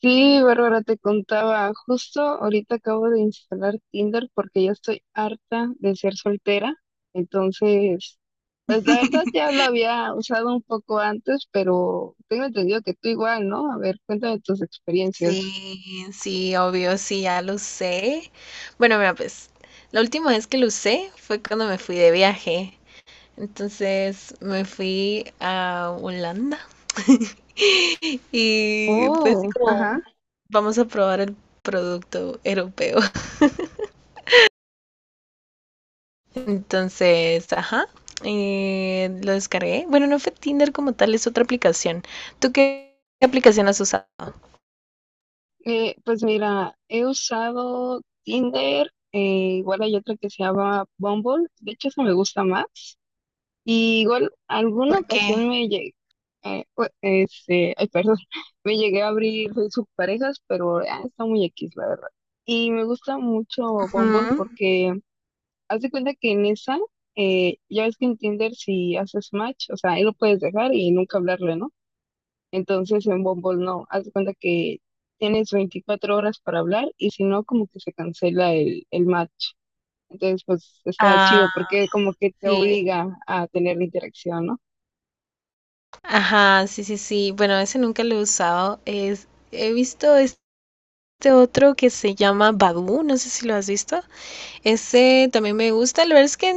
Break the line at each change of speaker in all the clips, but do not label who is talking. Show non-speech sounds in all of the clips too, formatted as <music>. Sí, Bárbara, te contaba, justo ahorita acabo de instalar Tinder porque ya estoy harta de ser soltera. Entonces, pues la verdad
<laughs>
ya lo había usado un poco antes, pero tengo entendido que tú igual, ¿no? A ver, cuéntame tus experiencias.
Sí, sí, obvio, sí, ya lo usé. Bueno, mira, pues la última vez que lo usé fue cuando me fui de viaje. Entonces me fui a Holanda <laughs> y fue así
Oh, ajá.
como, vamos a probar el producto europeo. <laughs> Entonces, ajá, lo descargué. Bueno, no fue Tinder como tal, es otra aplicación. ¿Tú qué aplicación has usado?
Pues mira, he usado Tinder, igual hay otra que se llama Bumble. De hecho, esa me gusta más. Y igual, alguna
¿Por qué?
ocasión me llegué, ay, perdón, <laughs> me llegué a abrir sus parejas pero ah, está muy X, la verdad. Y me gusta mucho Bumble
Ujú.
porque haz de cuenta que en esa, ya ves que en Tinder si haces match, o sea, ahí lo puedes dejar y nunca hablarle, ¿no? Entonces en Bumble no, haz de cuenta que tienes 24 horas para hablar y si no, como que se cancela el match. Entonces, pues está
Ah,
chido porque como que te
sí.
obliga a tener la interacción, ¿no?
Ajá, sí, sí, sí. Bueno, ese nunca lo he usado. He visto este otro que se llama Badoo, no sé si lo has visto. Ese también me gusta. La verdad es que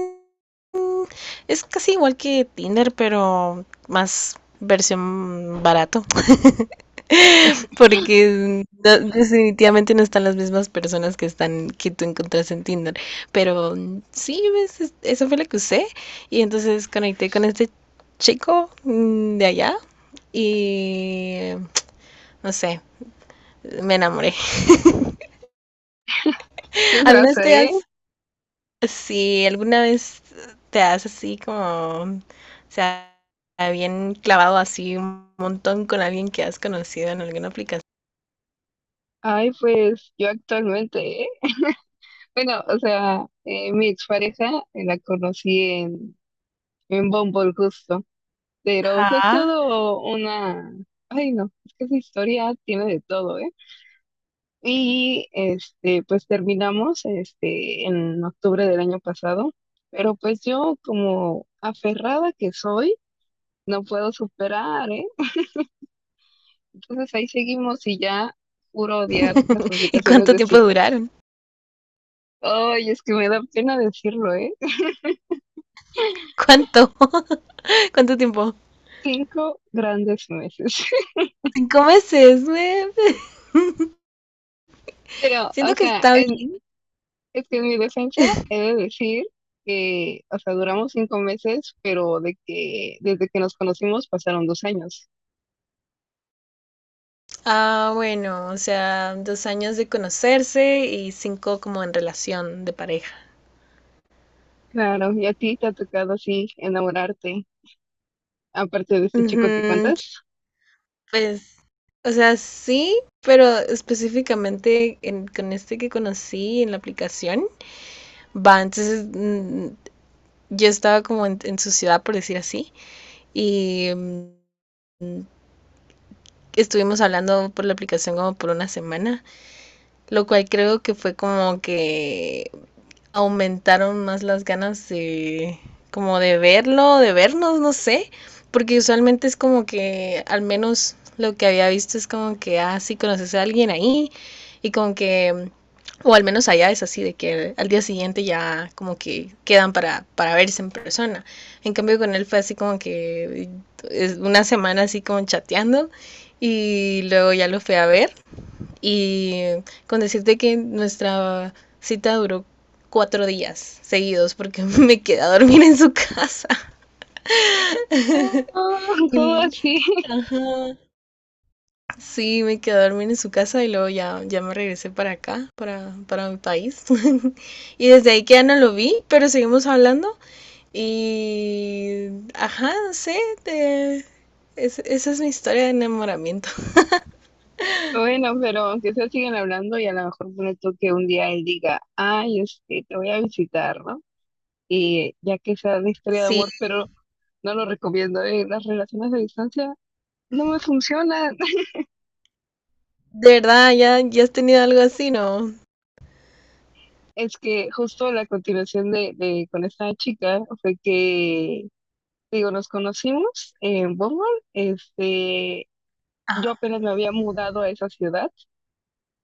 mm, es casi igual que Tinder, pero más versión barato. <laughs> Porque definitivamente no están las mismas personas que están que tú encontraste en Tinder. Pero sí, ves, eso fue lo que usé. Y entonces conecté con este chico de allá y no sé, me enamoré. <laughs>
Sí
¿Alguna vez
pasa,
te
¿eh?
has, sí, alguna vez te has así como, o sea, bien clavado así un montón con alguien que has conocido en alguna aplicación?
Ay, pues yo actualmente, ¿eh? Bueno, o sea, mi expareja la conocí en Bumble justo, pero fue
Ajá.
todo una... Ay, no, es que esa historia tiene de todo, ¿eh? Y, este, pues terminamos, este, en octubre del año pasado, pero pues yo como aferrada que soy, no puedo superar, ¿eh? Entonces ahí seguimos y ya juro odiar las
<laughs> ¿Y
aplicaciones
cuánto
de
tiempo
citas.
duraron?
Ay, es que me da pena decirlo, ¿eh?
¿Cuánto? <laughs> ¿Cuánto tiempo?
5 grandes meses. <laughs>
5 meses. <laughs>
Pero,
Siento
o
que
sea,
está bien.
es que en mi defensa he de decir que, o sea, duramos 5 meses, pero de que desde que nos conocimos pasaron 2 años.
Ah, bueno, o sea, 2 años de conocerse y cinco como en relación de pareja.
Claro, y a ti te ha tocado así enamorarte, aparte de este
Ujú,
chico que cuentas.
pues, o sea, sí, pero específicamente con este que conocí en la aplicación, va, entonces yo estaba como en, su ciudad, por decir así, y estuvimos hablando por la aplicación como por una semana. Lo cual creo que fue como que aumentaron más las ganas de como de verlo, de vernos, no sé, porque usualmente es como que al menos lo que había visto es como que, ah, sí, conoces a alguien ahí y como que, o al menos allá es así, de que al día siguiente ya como que quedan para, verse en persona. En cambio con él fue así como que es una semana así como chateando y luego ya lo fui a ver y con decirte que nuestra cita duró 4 días seguidos porque <laughs> me quedé a dormir en su casa.
No, ¿cómo
Y-
así? <laughs>
ajá, sí, me quedé a dormir en su casa y luego ya, ya me regresé para acá, para mi país. <laughs> Y desde ahí que ya no lo vi, pero seguimos hablando. Y, ajá, no sé, esa es mi historia de enamoramiento. <laughs>
Bueno, pero aunque sea siguen hablando y a lo mejor pone tú que un día él diga, ay, este, te voy a visitar, ¿no? Y ya que sea una historia de
Sí,
amor, pero no lo recomiendo, las relaciones a distancia no me funcionan. <laughs>
de verdad, ya, ya has tenido algo así, ¿no?
Es que justo la continuación con esta chica fue que, digo, nos conocimos en Bumble. Este, yo
Ajá,
apenas me había mudado a esa ciudad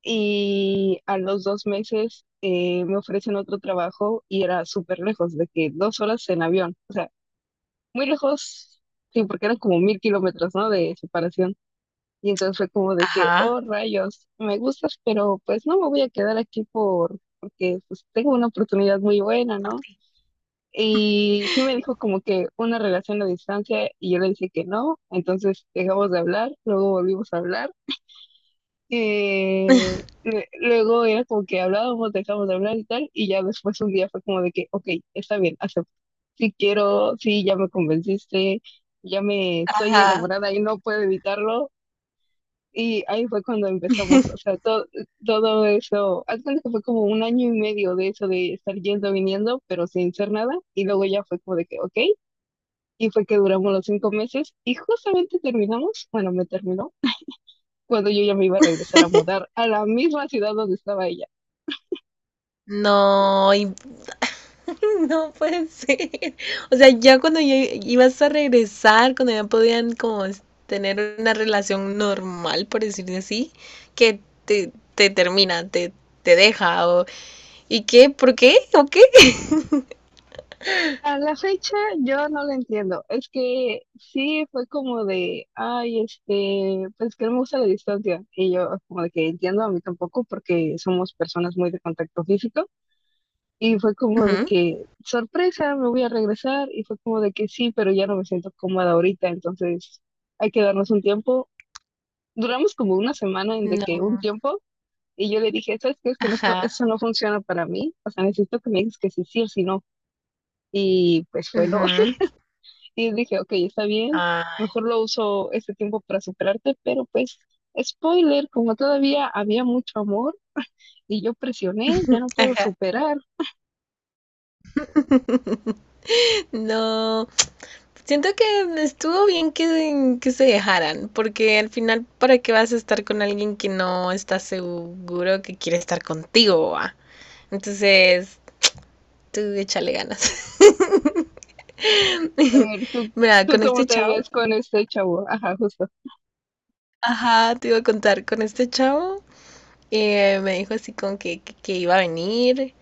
y a los 2 meses me ofrecen otro trabajo y era súper lejos, de que 2 horas en avión. O sea, muy lejos, sí, porque eran como 1000 kilómetros, ¿no? De separación. Y entonces fue como de que,
ajá,
oh rayos, me gustas, pero pues no me voy a quedar aquí porque pues tengo una oportunidad muy buena,
por
¿no?
ti.
Y sí me dijo como que una relación a distancia y yo le dije que no, entonces dejamos de hablar, luego volvimos a hablar.
<laughs>
Luego era como que hablábamos, dejamos de hablar y tal, y ya después un día fue como de que, ok, está bien, acepto. Sí quiero, sí, ya me convenciste, ya me estoy
Ajá.
enamorada y no puedo evitarlo, y ahí fue cuando empezamos, o
<laughs>
sea, todo, todo eso, haz cuenta que fue como un año y medio de eso de estar yendo, viniendo, pero sin hacer nada, y luego ya fue como de que, ok, y fue que duramos los 5 meses, y justamente terminamos, bueno, me terminó, cuando yo ya me iba a regresar a mudar a la misma ciudad donde estaba ella.
No, <laughs> no puede ser. O sea, ya cuando ya ibas a regresar, cuando ya podían como tener una relación normal, por decirlo así, que te termina, te deja, o ¿y qué? ¿Por qué? ¿O qué?
A la fecha yo no la entiendo, es que sí fue como de, ay, este, pues que no me gusta la distancia, y yo como de que entiendo a mí tampoco porque somos personas muy de contacto físico. Y fue como de
Ujú.
que, sorpresa, me voy a regresar. Y fue como de que sí, pero ya no me siento cómoda ahorita, entonces hay que darnos un tiempo. Duramos como una semana en de
No.
que un tiempo. Y yo le dije, ¿sabes qué? Es que no, esto,
Ajá.
eso no funciona para mí. O sea, necesito que me digas que sí, sí o sí no. Y pues fue no.
Ujú.
<laughs> Y dije, ok, está bien. Mejor
Ah,
lo uso este tiempo para superarte. Pero pues, spoiler, como todavía había mucho amor y yo presioné, ya no puedo
ajá.
superar.
No, siento que estuvo bien que se dejaran, porque al final, ¿para qué vas a estar con alguien que no está seguro que quiere estar contigo? ¿Va? Entonces, tú échale ganas. <laughs>
A ver,
Mira,
¿tú
con
cómo
este
te
chavo,
ves con este chavo? Ajá, justo.
ajá, te iba a contar, con este chavo me dijo así como que iba a venir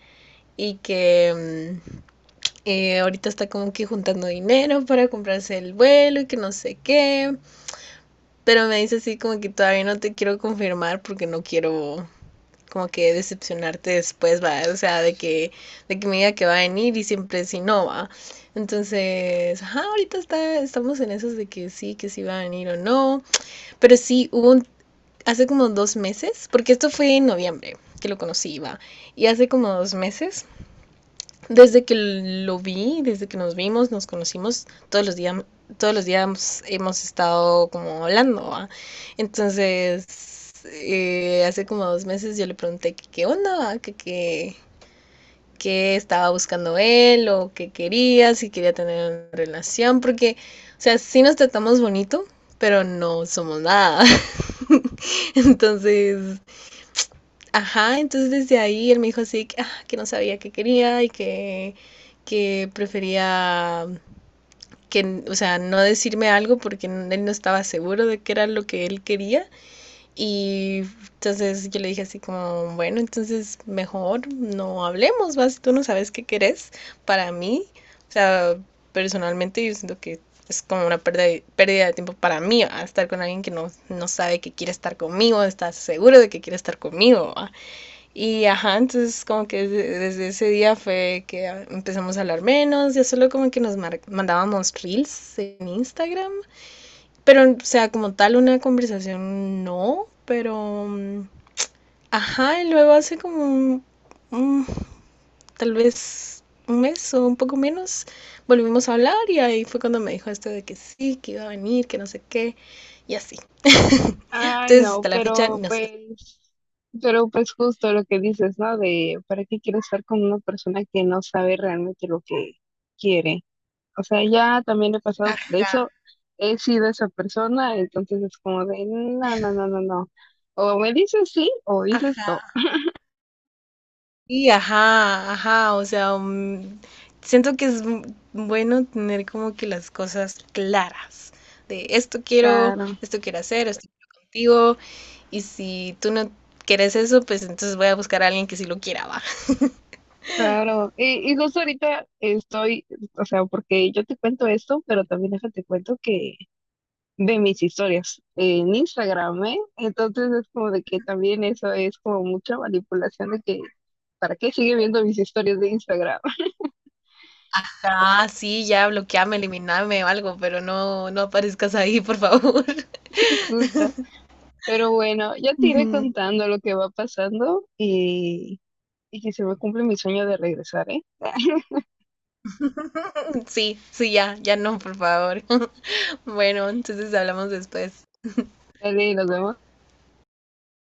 y que ahorita está como que juntando dinero para comprarse el vuelo y que no sé qué. Pero me dice así como que todavía no te quiero confirmar porque no quiero como que decepcionarte después, va, o sea, de que, me diga que va a venir y siempre si no va. Entonces, ajá, ahorita estamos en esos de que sí va a venir o no. Pero sí, hace como 2 meses, porque esto fue en noviembre que lo conocí, va. Y hace como 2 meses desde que lo vi, desde que nos vimos, nos conocimos, todos los días hemos estado como hablando, ¿va? Entonces, hace como 2 meses yo le pregunté que qué onda, ¿va? Que qué estaba buscando él o qué quería, si quería tener una relación, porque, o sea, sí nos tratamos bonito, pero no somos nada. <laughs> Entonces, ajá, entonces desde ahí él me dijo así que, ah, que no sabía qué quería y que prefería que, o sea, no decirme algo porque él no estaba seguro de qué era lo que él quería. Y entonces yo le dije así como, bueno, entonces mejor no hablemos, vas, tú no sabes qué querés para mí. O sea, personalmente yo siento que es como una pérdida de tiempo para mí, ¿va? Estar con alguien que no, no sabe que quiere estar conmigo, está seguro de que quiere estar conmigo. ¿Va? Y ajá, entonces como que desde ese día fue que ah, empezamos a hablar menos, ya solo como que nos mandábamos reels en Instagram, pero o sea, como tal una conversación no, pero ajá, y luego hace como un- tal vez un mes o un poco menos volvimos a hablar y ahí fue cuando me dijo esto de que sí, que iba a venir, que no sé qué, y así. <laughs>
Ay,
Entonces
no,
hasta la fecha no sé.
pero pues justo lo que dices, ¿no? De, ¿para qué quieres estar con una persona que no sabe realmente lo que quiere? O sea, ya también he pasado por
Ajá,
eso, he sido esa persona, entonces es como de, no, no, no, no, no. O me dices sí o dices no.
ajá. Sí, ajá, ajá, o sea, siento que es bueno tener como que las cosas claras de
Claro,
esto quiero hacer, esto quiero contigo, y si tú no quieres eso, pues entonces voy a buscar a alguien que sí lo quiera, va. <laughs>
claro. Y justo ahorita estoy, o sea, porque yo te cuento esto, pero también déjate cuento que de mis historias en Instagram, ¿eh? Entonces es como de que también eso es como mucha manipulación de que, ¿para qué sigue viendo mis historias de Instagram?
Ah, sí, ya bloqueame, eliminame o algo, pero no, no aparezcas ahí, por favor. <laughs>
<laughs> Justo. Pero bueno, ya te iré
Ujú.
contando lo que va pasando y que se me cumple mi sueño de regresar, ¿eh? <laughs>
Sí, sí, ya, ya no, por favor. <laughs> Bueno, entonces hablamos después.
Dale, nos vemos.